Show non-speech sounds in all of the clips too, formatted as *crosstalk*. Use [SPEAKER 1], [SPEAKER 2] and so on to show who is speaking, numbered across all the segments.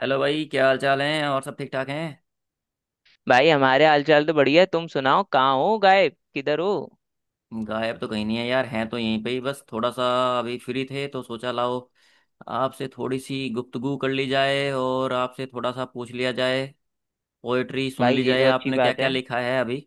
[SPEAKER 1] Hello भाई, क्या हाल चाल है? और सब ठीक ठाक हैं?
[SPEAKER 2] भाई हमारे हालचाल तो बढ़िया है। तुम सुनाओ कहाँ हो, गायब किधर हो।
[SPEAKER 1] गायब तो कहीं नहीं है यार। हैं तो यहीं पे ही। बस थोड़ा सा अभी फ्री थे, तो सोचा लाओ, आपसे थोड़ी सी गुफ्तगू कर ली जाए और आपसे थोड़ा सा पूछ लिया जाए, पोएट्री सुन
[SPEAKER 2] भाई
[SPEAKER 1] ली
[SPEAKER 2] ये
[SPEAKER 1] जाए,
[SPEAKER 2] तो अच्छी
[SPEAKER 1] आपने क्या
[SPEAKER 2] बात
[SPEAKER 1] क्या
[SPEAKER 2] है।
[SPEAKER 1] लिखा है अभी,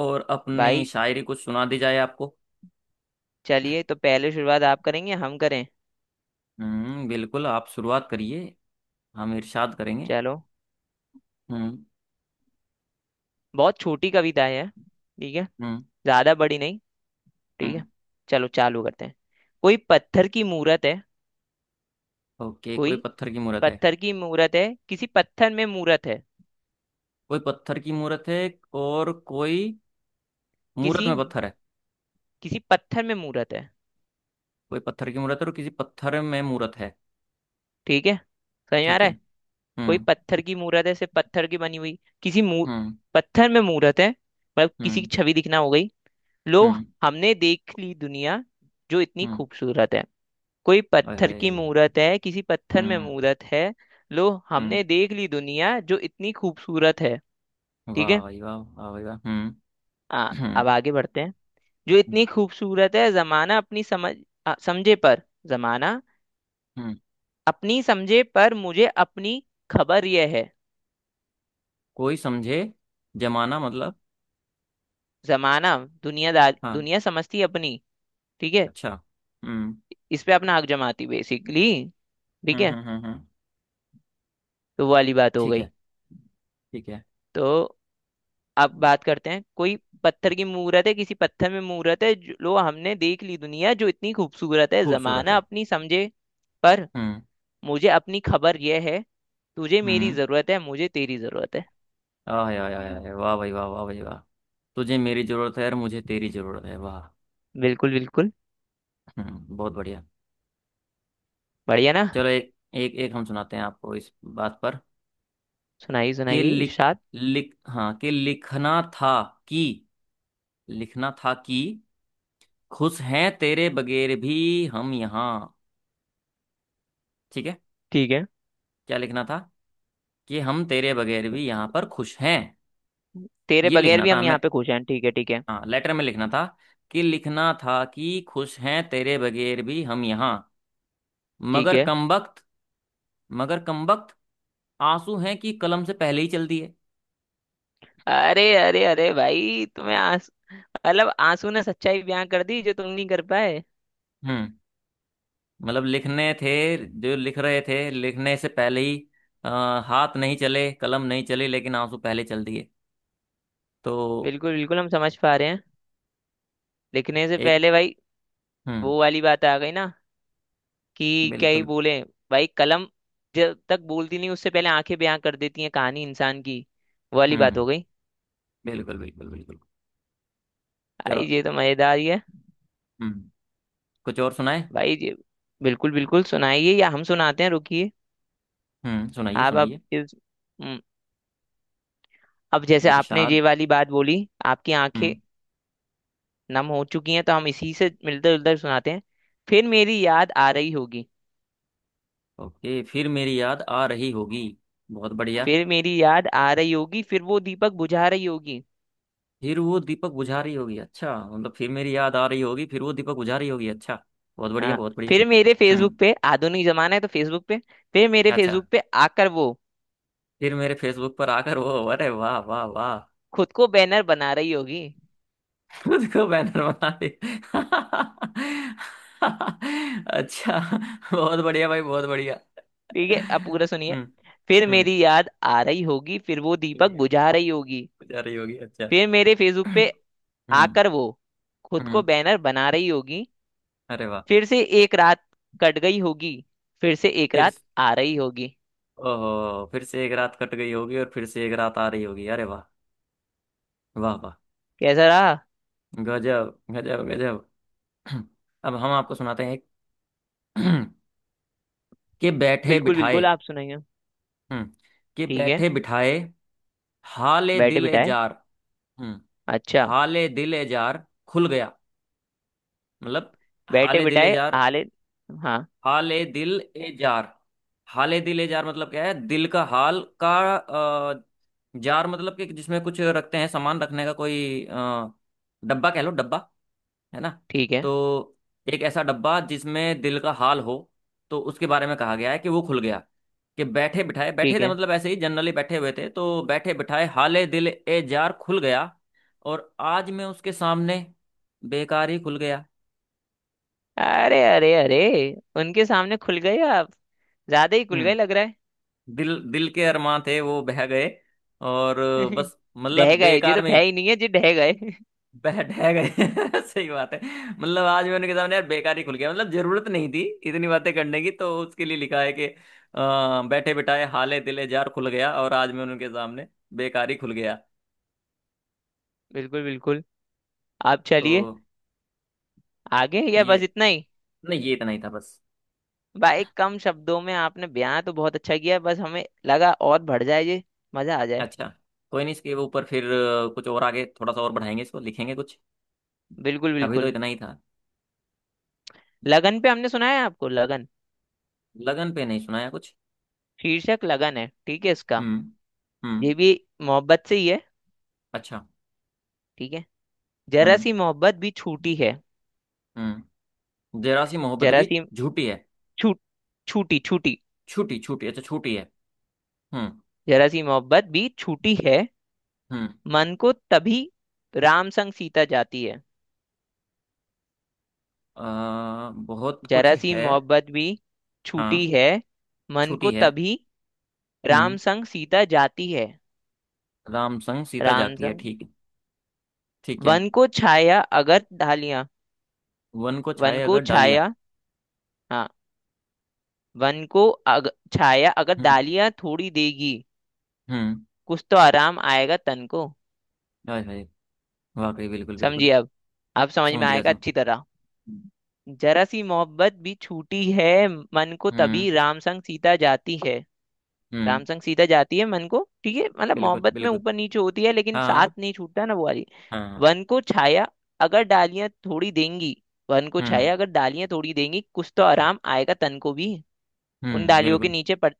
[SPEAKER 1] और अपनी
[SPEAKER 2] भाई
[SPEAKER 1] शायरी कुछ सुना दी जाए आपको।
[SPEAKER 2] चलिए, तो पहले शुरुआत आप करेंगे हम करें।
[SPEAKER 1] हम्म, बिल्कुल। आप शुरुआत करिए, हम इरशाद करेंगे।
[SPEAKER 2] चलो,
[SPEAKER 1] हम्म।
[SPEAKER 2] बहुत छोटी कविता है। ठीक है,
[SPEAKER 1] हम्म।
[SPEAKER 2] ज्यादा बड़ी नहीं। ठीक है,
[SPEAKER 1] हम्म।
[SPEAKER 2] चलो चालू करते हैं। कोई पत्थर की मूरत है।
[SPEAKER 1] ओके,
[SPEAKER 2] कोई
[SPEAKER 1] कोई पत्थर की मूरत है।
[SPEAKER 2] पत्थर की मूरत है, किसी पत्थर में मूरत है।
[SPEAKER 1] कोई पत्थर की मूरत है, और कोई मूरत
[SPEAKER 2] किसी
[SPEAKER 1] में पत्थर है।
[SPEAKER 2] किसी पत्थर में मूरत है।
[SPEAKER 1] कोई पत्थर की मूर्त है और किसी पत्थर में मूर्त है।
[SPEAKER 2] ठीक है, समझ में आ
[SPEAKER 1] ठीक
[SPEAKER 2] रहा
[SPEAKER 1] है।
[SPEAKER 2] है। कोई
[SPEAKER 1] हम्म।
[SPEAKER 2] पत्थर की मूरत है, सिर्फ पत्थर की बनी हुई किसी मूर
[SPEAKER 1] हम्म।
[SPEAKER 2] पत्थर में मूरत है मतलब किसी की
[SPEAKER 1] हम्म।
[SPEAKER 2] छवि दिखना हो गई। लो,
[SPEAKER 1] हम्म।
[SPEAKER 2] हमने देख ली दुनिया जो इतनी
[SPEAKER 1] हम्म।
[SPEAKER 2] खूबसूरत है। कोई
[SPEAKER 1] ओए
[SPEAKER 2] पत्थर
[SPEAKER 1] होए।
[SPEAKER 2] की मूरत है, किसी पत्थर में
[SPEAKER 1] हम्म।
[SPEAKER 2] मूरत है। लो, हमने
[SPEAKER 1] हम्म।
[SPEAKER 2] देख ली दुनिया जो इतनी खूबसूरत है।
[SPEAKER 1] वाह
[SPEAKER 2] ठीक है।
[SPEAKER 1] भाई वाह, वाह भाई वाह। हम्म। हम्म।
[SPEAKER 2] अब आगे बढ़ते हैं। जो
[SPEAKER 1] हम्म।
[SPEAKER 2] इतनी खूबसूरत है, जमाना अपनी समझ, समझे पर, जमाना
[SPEAKER 1] हम्म।
[SPEAKER 2] अपनी समझे पर मुझे अपनी खबर यह है।
[SPEAKER 1] कोई समझे? जमाना मतलब?
[SPEAKER 2] जमाना दुनियादार,
[SPEAKER 1] हाँ।
[SPEAKER 2] दुनिया समझती है अपनी। ठीक है,
[SPEAKER 1] अच्छा। हम्म।
[SPEAKER 2] इस पे अपना हक जमाती बेसिकली। ठीक
[SPEAKER 1] हम्म।
[SPEAKER 2] है,
[SPEAKER 1] हम्म। हम्म। हम्म।
[SPEAKER 2] तो वो वाली बात हो
[SPEAKER 1] ठीक
[SPEAKER 2] गई।
[SPEAKER 1] है। ठीक है।
[SPEAKER 2] तो अब बात करते हैं। कोई पत्थर की मूरत है, किसी पत्थर में मूरत है, जो हमने देख ली दुनिया जो इतनी खूबसूरत है।
[SPEAKER 1] खूबसूरत
[SPEAKER 2] जमाना
[SPEAKER 1] है।
[SPEAKER 2] अपनी समझे पर
[SPEAKER 1] हम्म।
[SPEAKER 2] मुझे अपनी खबर यह है। तुझे मेरी
[SPEAKER 1] हम्म।
[SPEAKER 2] जरूरत है, मुझे तेरी जरूरत है।
[SPEAKER 1] आय आय आय आय, वाह भाई वाह, वाह भाई वाह। तुझे मेरी जरूरत है और मुझे तेरी जरूरत है, वाह।
[SPEAKER 2] बिल्कुल बिल्कुल।
[SPEAKER 1] हम्म, बहुत बढ़िया।
[SPEAKER 2] बढ़िया ना।
[SPEAKER 1] चलो, एक एक एक हम सुनाते हैं आपको इस बात पर।
[SPEAKER 2] सुनाइए
[SPEAKER 1] के
[SPEAKER 2] सुनाइए,
[SPEAKER 1] लिख
[SPEAKER 2] इरशाद।
[SPEAKER 1] लिख हाँ के लिखना था। कि लिखना था कि खुश हैं तेरे बगैर भी हम यहाँ। ठीक है।
[SPEAKER 2] ठीक है।
[SPEAKER 1] क्या लिखना था? कि हम तेरे बगैर भी यहाँ पर खुश हैं,
[SPEAKER 2] तेरे
[SPEAKER 1] ये
[SPEAKER 2] बगैर
[SPEAKER 1] लिखना
[SPEAKER 2] भी
[SPEAKER 1] था
[SPEAKER 2] हम
[SPEAKER 1] हमें।
[SPEAKER 2] यहाँ पे खुश हैं। ठीक है, ठीक है।
[SPEAKER 1] हाँ, लेटर में लिखना था कि खुश हैं तेरे बगैर भी हम यहाँ।
[SPEAKER 2] ठीक
[SPEAKER 1] मगर
[SPEAKER 2] है।
[SPEAKER 1] कमबख्त मगर कमबख्त आंसू हैं कि कलम से पहले ही चल दिए।
[SPEAKER 2] अरे अरे अरे भाई, तुम्हें आंस, मतलब आंसू ने सच्चाई बयां कर दी जो तुम नहीं कर पाए।
[SPEAKER 1] हम्म। मतलब लिखने थे जो लिख रहे थे, लिखने से पहले ही अ, हाथ नहीं चले, कलम नहीं चली, लेकिन आंसू पहले चल दिए। तो
[SPEAKER 2] बिल्कुल बिल्कुल, हम समझ पा रहे हैं। लिखने से
[SPEAKER 1] एक।
[SPEAKER 2] पहले भाई,
[SPEAKER 1] हम्म।
[SPEAKER 2] वो वाली बात आ गई ना कि क्या ही
[SPEAKER 1] बिल्कुल।
[SPEAKER 2] बोले। भाई कलम जब तक बोलती नहीं, उससे पहले आंखें बयां कर देती हैं कहानी इंसान की। वो वाली बात
[SPEAKER 1] हम्म।
[SPEAKER 2] हो गई।
[SPEAKER 1] बिल्कुल बिल्कुल बिल्कुल। चलो।
[SPEAKER 2] भाई ये तो मजेदार ही है।
[SPEAKER 1] हम्म। कुछ और सुनाए?
[SPEAKER 2] भाई ये, बिल्कुल बिल्कुल सुनाइए, या हम सुनाते हैं, रुकिए।
[SPEAKER 1] हम्म। सुनाइए
[SPEAKER 2] आप
[SPEAKER 1] सुनाइए,
[SPEAKER 2] इस, हम्म, अब जैसे आपने
[SPEAKER 1] इरशाद।
[SPEAKER 2] ये वाली बात बोली, आपकी आंखें
[SPEAKER 1] हम्म।
[SPEAKER 2] नम हो चुकी हैं, तो हम इसी से मिलते जुलते सुनाते हैं। फिर मेरी याद आ रही होगी।
[SPEAKER 1] ओके, फिर मेरी याद आ रही होगी। बहुत बढ़िया।
[SPEAKER 2] फिर मेरी याद आ रही होगी, फिर वो दीपक बुझा रही होगी।
[SPEAKER 1] फिर वो दीपक बुझा रही होगी, अच्छा मतलब फिर मेरी याद आ रही होगी, फिर वो दीपक बुझा रही होगी, अच्छा। बहुत बढ़िया,
[SPEAKER 2] हाँ,
[SPEAKER 1] बहुत बढ़िया।
[SPEAKER 2] फिर मेरे फेसबुक
[SPEAKER 1] हम्म।
[SPEAKER 2] पे, आधुनिक जमाना है तो फेसबुक पे, फिर मेरे
[SPEAKER 1] अच्छा।
[SPEAKER 2] फेसबुक पे आकर वो
[SPEAKER 1] फिर मेरे फेसबुक पर आकर वो, अरे वाह वाह वाह।
[SPEAKER 2] खुद को बैनर बना रही होगी।
[SPEAKER 1] खुद को बैनर बना दे। *laughs* अच्छा। बहुत बढ़िया भाई, बहुत बढ़िया।
[SPEAKER 2] ठीक है, अब पूरा सुनिए।
[SPEAKER 1] हम्म।
[SPEAKER 2] फिर
[SPEAKER 1] हम्म।
[SPEAKER 2] मेरी याद आ रही होगी, फिर वो दीपक
[SPEAKER 1] ठीक
[SPEAKER 2] बुझा
[SPEAKER 1] है।
[SPEAKER 2] रही होगी,
[SPEAKER 1] जा रही होगी, अच्छा।
[SPEAKER 2] फिर मेरे फेसबुक पे
[SPEAKER 1] हम्म।
[SPEAKER 2] आकर वो खुद को
[SPEAKER 1] हम्म।
[SPEAKER 2] बैनर बना रही होगी।
[SPEAKER 1] अरे वाह।
[SPEAKER 2] फिर से एक रात कट गई होगी, फिर से एक
[SPEAKER 1] फिर,
[SPEAKER 2] रात आ रही होगी।
[SPEAKER 1] ओहो, फिर से एक रात कट गई होगी और फिर से एक रात आ रही होगी, अरे वाह। वाह वाह।
[SPEAKER 2] कैसा रहा।
[SPEAKER 1] गजब। गजब गजब। *clears throat* अब हम आपको सुनाते हैं *clears throat* एक, कि बैठे
[SPEAKER 2] बिल्कुल
[SPEAKER 1] बिठाए।
[SPEAKER 2] बिल्कुल, आप सुनाइए।
[SPEAKER 1] हम्म। कि
[SPEAKER 2] ठीक है।
[SPEAKER 1] बैठे बिठाए हाले
[SPEAKER 2] बैठे
[SPEAKER 1] दिल ए
[SPEAKER 2] बिठाए,
[SPEAKER 1] जार। हम्म।
[SPEAKER 2] अच्छा।
[SPEAKER 1] हाले दिल ए जार खुल गया, मतलब।
[SPEAKER 2] बैठे
[SPEAKER 1] हाले दिल ए
[SPEAKER 2] बिठाए
[SPEAKER 1] जार।
[SPEAKER 2] हाले, हाँ।
[SPEAKER 1] हाले दिल ए जार। हाले दिल ए जार मतलब क्या है? दिल का हाल का। अ, जार मतलब कि जिसमें कुछ रखते हैं, सामान रखने का कोई डब्बा, कह लो डब्बा, है ना।
[SPEAKER 2] ठीक है,
[SPEAKER 1] तो एक ऐसा डब्बा जिसमें दिल का हाल हो, तो उसके बारे में कहा गया है कि वो खुल गया। कि बैठे बिठाए, बैठे
[SPEAKER 2] ठीक
[SPEAKER 1] थे
[SPEAKER 2] है।
[SPEAKER 1] मतलब ऐसे ही जनरली बैठे हुए थे, तो बैठे बिठाए हाले दिल ए जार खुल गया, और आज मैं उसके सामने बेकार ही खुल गया।
[SPEAKER 2] अरे अरे अरे, उनके सामने खुल गए आप, ज्यादा ही खुल गए लग
[SPEAKER 1] हम्म।
[SPEAKER 2] रहा है।
[SPEAKER 1] दिल, दिल के अरमां थे वो बह गए, और
[SPEAKER 2] *laughs*
[SPEAKER 1] बस
[SPEAKER 2] ढह
[SPEAKER 1] मतलब
[SPEAKER 2] गए ये
[SPEAKER 1] बेकार
[SPEAKER 2] तो
[SPEAKER 1] में
[SPEAKER 2] भय ही नहीं है जी, ढह गए। *laughs*
[SPEAKER 1] बह ढह गए। *laughs* सही बात है। मतलब आज मैं उनके सामने यार बेकार ही खुल गया, मतलब जरूरत नहीं थी इतनी बातें करने की, तो उसके लिए लिखा है कि बैठे बिठाए हाले दिले जार खुल गया और आज मैं उनके सामने बेकार ही खुल गया।
[SPEAKER 2] बिल्कुल बिल्कुल, आप
[SPEAKER 1] तो
[SPEAKER 2] चलिए आगे या
[SPEAKER 1] ये,
[SPEAKER 2] बस इतना ही।
[SPEAKER 1] नहीं ये इतना ही था बस।
[SPEAKER 2] भाई कम शब्दों में आपने बयां तो बहुत अच्छा किया, बस हमें लगा और बढ़ जाए ये, मजा आ जाए।
[SPEAKER 1] अच्छा। कोई नहीं, इसके ऊपर फिर कुछ और आगे थोड़ा सा और बढ़ाएंगे, इसको लिखेंगे कुछ।
[SPEAKER 2] बिल्कुल
[SPEAKER 1] अभी तो
[SPEAKER 2] बिल्कुल।
[SPEAKER 1] इतना ही था।
[SPEAKER 2] लगन पे हमने सुना है आपको, लगन
[SPEAKER 1] लगन पे नहीं सुनाया कुछ।
[SPEAKER 2] शीर्षक लगन है ठीक है इसका।
[SPEAKER 1] हम्म। हम्म।
[SPEAKER 2] ये भी मोहब्बत से ही है।
[SPEAKER 1] अच्छा।
[SPEAKER 2] ठीक है, जरा
[SPEAKER 1] हम्म।
[SPEAKER 2] सी मोहब्बत भी छूटी है।
[SPEAKER 1] हम्म। जरा सी मोहब्बत
[SPEAKER 2] जरा
[SPEAKER 1] भी
[SPEAKER 2] सी,
[SPEAKER 1] झूठी है?
[SPEAKER 2] छूट, छूटी छूटी।
[SPEAKER 1] छूटी छूटी, अच्छा, छूटी है। हम्म।
[SPEAKER 2] जरा सी मोहब्बत भी छूटी है,
[SPEAKER 1] हम्म।
[SPEAKER 2] मन को तभी राम संग सीता जाती है।
[SPEAKER 1] बहुत
[SPEAKER 2] जरा
[SPEAKER 1] कुछ
[SPEAKER 2] सी
[SPEAKER 1] है।
[SPEAKER 2] मोहब्बत भी छूटी
[SPEAKER 1] हाँ।
[SPEAKER 2] है, मन को
[SPEAKER 1] छूटी है।
[SPEAKER 2] तभी
[SPEAKER 1] हम्म।
[SPEAKER 2] राम संग सीता जाती है।
[SPEAKER 1] राम संग सीता
[SPEAKER 2] राम
[SPEAKER 1] जाती है,
[SPEAKER 2] संग,
[SPEAKER 1] ठीक है। ठीक है।
[SPEAKER 2] वन को छाया अगर डालियां।
[SPEAKER 1] वन को
[SPEAKER 2] वन
[SPEAKER 1] छाए
[SPEAKER 2] को
[SPEAKER 1] अगर डालियाँ।
[SPEAKER 2] छाया, हाँ, वन को अग, छाया अगर
[SPEAKER 1] हम्म।
[SPEAKER 2] डालियां थोड़ी देगी,
[SPEAKER 1] हम्म।
[SPEAKER 2] कुछ तो आराम आएगा तन को।
[SPEAKER 1] हाय हाय, वाकई। बिल्कुल
[SPEAKER 2] समझिए
[SPEAKER 1] बिल्कुल।
[SPEAKER 2] अब समझ
[SPEAKER 1] समझ
[SPEAKER 2] में
[SPEAKER 1] गया,
[SPEAKER 2] आएगा
[SPEAKER 1] समझ।
[SPEAKER 2] अच्छी तरह। जरा सी मोहब्बत भी छूटी है, मन को तभी
[SPEAKER 1] हम्म।
[SPEAKER 2] राम संग सीता जाती है।
[SPEAKER 1] हम्म।
[SPEAKER 2] रामसंग सीता जाती है मन को, ठीक है, मतलब
[SPEAKER 1] बिल्कुल
[SPEAKER 2] मोहब्बत में
[SPEAKER 1] बिल्कुल।
[SPEAKER 2] ऊपर नीचे होती है लेकिन साथ
[SPEAKER 1] हाँ।
[SPEAKER 2] नहीं छूटता ना, वो वाली।
[SPEAKER 1] हाँ।
[SPEAKER 2] वन को छाया अगर डालियां थोड़ी देंगी। वन को
[SPEAKER 1] हम्म।
[SPEAKER 2] छाया अगर डालियां थोड़ी देंगी, कुछ तो आराम आएगा तन को भी। उन
[SPEAKER 1] हम्म।
[SPEAKER 2] डालियों के
[SPEAKER 1] बिल्कुल
[SPEAKER 2] नीचे पर,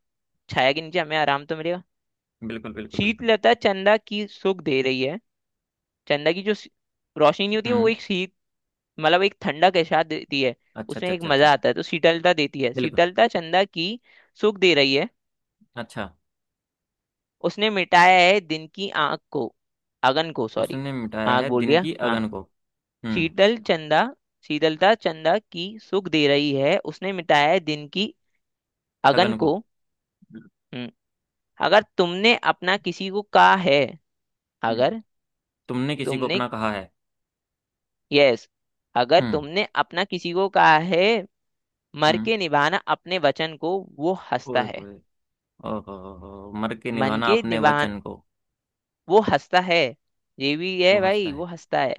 [SPEAKER 2] छाया के नीचे हमें आराम तो मिलेगा।
[SPEAKER 1] बिल्कुल बिल्कुल। बिल्कुल।
[SPEAKER 2] शीतलता चंदा की सुख दे रही है। चंदा की जो सी- रोशनी होती है, वो
[SPEAKER 1] हम्म।
[SPEAKER 2] एक शीत, मतलब एक ठंडक एहसास देती है,
[SPEAKER 1] अच्छा
[SPEAKER 2] उसमें
[SPEAKER 1] अच्छा
[SPEAKER 2] एक
[SPEAKER 1] अच्छा अच्छा।
[SPEAKER 2] मजा आता है, तो शीतलता देती है।
[SPEAKER 1] बिल्कुल।
[SPEAKER 2] शीतलता चंदा की सुख दे रही है।
[SPEAKER 1] अच्छा।
[SPEAKER 2] उसने मिटाया है दिन की आग को, अगन को सॉरी,
[SPEAKER 1] उसने मिटाया
[SPEAKER 2] आग
[SPEAKER 1] है
[SPEAKER 2] बोल
[SPEAKER 1] दिन
[SPEAKER 2] दिया
[SPEAKER 1] की
[SPEAKER 2] हाँ।
[SPEAKER 1] अगन को। हम्म।
[SPEAKER 2] शीतल चंदा, शीतलता चंदा की सुख दे रही है, उसने मिटाया है दिन की अगन
[SPEAKER 1] अगन को।
[SPEAKER 2] को। हम्म, अगर तुमने अपना किसी को कहा है।
[SPEAKER 1] हम्म।
[SPEAKER 2] अगर
[SPEAKER 1] तुमने किसी को
[SPEAKER 2] तुमने,
[SPEAKER 1] अपना कहा है?
[SPEAKER 2] यस, अगर
[SPEAKER 1] हम्म।
[SPEAKER 2] तुमने अपना किसी को कहा है, मर
[SPEAKER 1] हम्म।
[SPEAKER 2] के निभाना अपने वचन को, वो
[SPEAKER 1] ओए
[SPEAKER 2] हंसता है।
[SPEAKER 1] होए। ओहो। हो, मर के
[SPEAKER 2] मन
[SPEAKER 1] निभाना
[SPEAKER 2] के
[SPEAKER 1] अपने
[SPEAKER 2] निभान,
[SPEAKER 1] वचन को,
[SPEAKER 2] वो हंसता है, ये भी
[SPEAKER 1] वो
[SPEAKER 2] है भाई,
[SPEAKER 1] हंसता
[SPEAKER 2] वो
[SPEAKER 1] है।
[SPEAKER 2] हंसता है।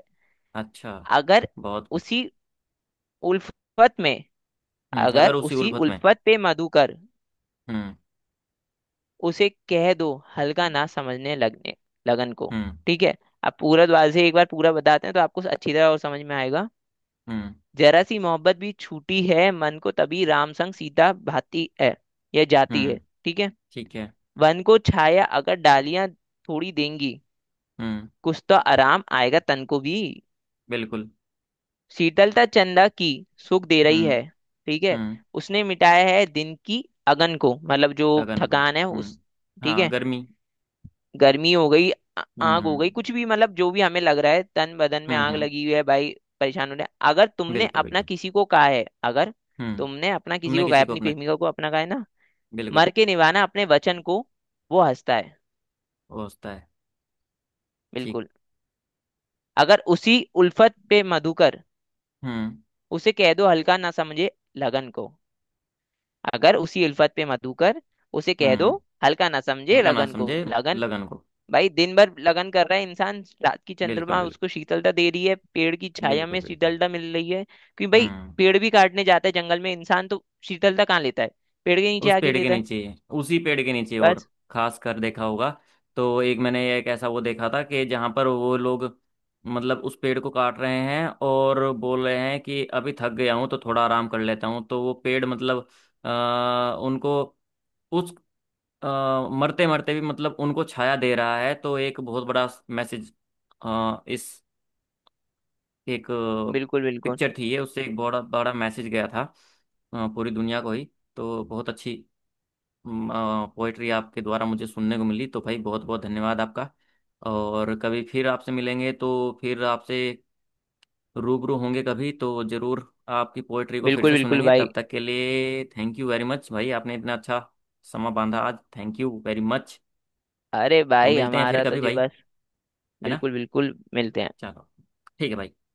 [SPEAKER 1] अच्छा।
[SPEAKER 2] अगर
[SPEAKER 1] बहुत बढ़िया।
[SPEAKER 2] उसी उल्फत में,
[SPEAKER 1] हम्म, अगर
[SPEAKER 2] अगर
[SPEAKER 1] उसी
[SPEAKER 2] उसी
[SPEAKER 1] उल्फत में।
[SPEAKER 2] उल्फत पे मधुकर,
[SPEAKER 1] हम्म।
[SPEAKER 2] उसे कह दो हल्का ना समझने लगने, लगन को।
[SPEAKER 1] हम्म।
[SPEAKER 2] ठीक है, अब पूरा द्वार से एक बार पूरा बताते हैं तो आपको अच्छी तरह और समझ में आएगा।
[SPEAKER 1] हम्म।
[SPEAKER 2] जरा सी मोहब्बत भी छूटी है, मन को तभी राम संग सीता भाती है, यह जाती है।
[SPEAKER 1] हम्म।
[SPEAKER 2] ठीक है।
[SPEAKER 1] ठीक है।
[SPEAKER 2] वन को छाया अगर डालियां थोड़ी देंगी,
[SPEAKER 1] हम्म।
[SPEAKER 2] कुछ तो आराम आएगा तन को भी।
[SPEAKER 1] बिल्कुल।
[SPEAKER 2] शीतलता चंदा की सुख दे रही
[SPEAKER 1] हम्म।
[SPEAKER 2] है। ठीक है।
[SPEAKER 1] हम्म।
[SPEAKER 2] उसने मिटाया है दिन की अगन को, मतलब जो
[SPEAKER 1] अगन को।
[SPEAKER 2] थकान है
[SPEAKER 1] हम्म।
[SPEAKER 2] उस, ठीक
[SPEAKER 1] हाँ,
[SPEAKER 2] है,
[SPEAKER 1] गर्मी।
[SPEAKER 2] गर्मी हो गई, आ-
[SPEAKER 1] हम्म।
[SPEAKER 2] आग हो गई,
[SPEAKER 1] हम्म।
[SPEAKER 2] कुछ भी मतलब जो भी हमें लग रहा है तन बदन में
[SPEAKER 1] हम्म।
[SPEAKER 2] आग लगी हुई है भाई, परेशान हो रहे हैं। अगर तुमने
[SPEAKER 1] बिल्कुल
[SPEAKER 2] अपना
[SPEAKER 1] बिल्कुल।
[SPEAKER 2] किसी को कहा है, अगर
[SPEAKER 1] हम्म।
[SPEAKER 2] तुमने अपना किसी
[SPEAKER 1] तुमने
[SPEAKER 2] को कहा
[SPEAKER 1] किसी
[SPEAKER 2] है,
[SPEAKER 1] को
[SPEAKER 2] अपनी
[SPEAKER 1] अपना,
[SPEAKER 2] प्रेमिका को अपना कहा है ना,
[SPEAKER 1] बिल्कुल।
[SPEAKER 2] मर के निभाना अपने वचन को, वो हंसता है।
[SPEAKER 1] वो होता है। ठीक।
[SPEAKER 2] बिल्कुल। अगर उसी उल्फत पे मधुकर,
[SPEAKER 1] हम्म।
[SPEAKER 2] उसे कह दो हल्का ना समझे लगन को। अगर उसी उल्फत पे मधुकर, उसे कह दो
[SPEAKER 1] हम्म।
[SPEAKER 2] हल्का ना समझे
[SPEAKER 1] हल्का ना
[SPEAKER 2] लगन को,
[SPEAKER 1] समझे
[SPEAKER 2] लगन।
[SPEAKER 1] लगन को।
[SPEAKER 2] भाई दिन भर लगन कर रहा है इंसान, रात की
[SPEAKER 1] बिल्कुल
[SPEAKER 2] चंद्रमा
[SPEAKER 1] बिल्कुल।
[SPEAKER 2] उसको शीतलता दे रही है, पेड़ की छाया
[SPEAKER 1] बिल्कुल
[SPEAKER 2] में
[SPEAKER 1] बिल्कुल।
[SPEAKER 2] शीतलता मिल रही है, क्योंकि भाई
[SPEAKER 1] हम्म।
[SPEAKER 2] पेड़ भी काटने जाता है जंगल में इंसान, तो शीतलता कहाँ लेता है, पेड़ के नीचे
[SPEAKER 1] उस
[SPEAKER 2] आके
[SPEAKER 1] पेड़ के
[SPEAKER 2] लेता है,
[SPEAKER 1] नीचे ही, उसी पेड़ के नीचे, और
[SPEAKER 2] बस।
[SPEAKER 1] खास कर देखा होगा। तो एक मैंने एक ऐसा वो देखा था कि जहां पर वो लोग मतलब उस पेड़ को काट रहे हैं, और बोल रहे हैं कि अभी थक गया हूं तो थोड़ा आराम कर लेता हूं, तो वो पेड़ मतलब उनको उस मरते मरते भी मतलब उनको छाया दे रहा है। तो एक बहुत बड़ा मैसेज इस एक
[SPEAKER 2] बिल्कुल बिल्कुल।
[SPEAKER 1] पिक्चर थी ये, उससे एक बड़ा बड़ा मैसेज गया था पूरी दुनिया को ही। तो बहुत अच्छी पोएट्री आपके द्वारा मुझे सुनने को मिली, तो भाई बहुत बहुत धन्यवाद आपका। और कभी फिर आपसे मिलेंगे तो फिर आपसे रूबरू होंगे कभी तो ज़रूर। आपकी पोएट्री को फिर
[SPEAKER 2] बिल्कुल
[SPEAKER 1] से
[SPEAKER 2] बिल्कुल
[SPEAKER 1] सुनेंगे,
[SPEAKER 2] भाई।
[SPEAKER 1] तब तक के लिए थैंक यू वेरी मच भाई, आपने इतना अच्छा समा बांधा आज, थैंक यू वेरी मच।
[SPEAKER 2] अरे
[SPEAKER 1] तो
[SPEAKER 2] भाई
[SPEAKER 1] मिलते हैं फिर
[SPEAKER 2] हमारा तो
[SPEAKER 1] कभी
[SPEAKER 2] जी
[SPEAKER 1] भाई,
[SPEAKER 2] बस।
[SPEAKER 1] है ना।
[SPEAKER 2] बिल्कुल बिल्कुल, मिलते हैं।
[SPEAKER 1] चलो, ठीक है भाई।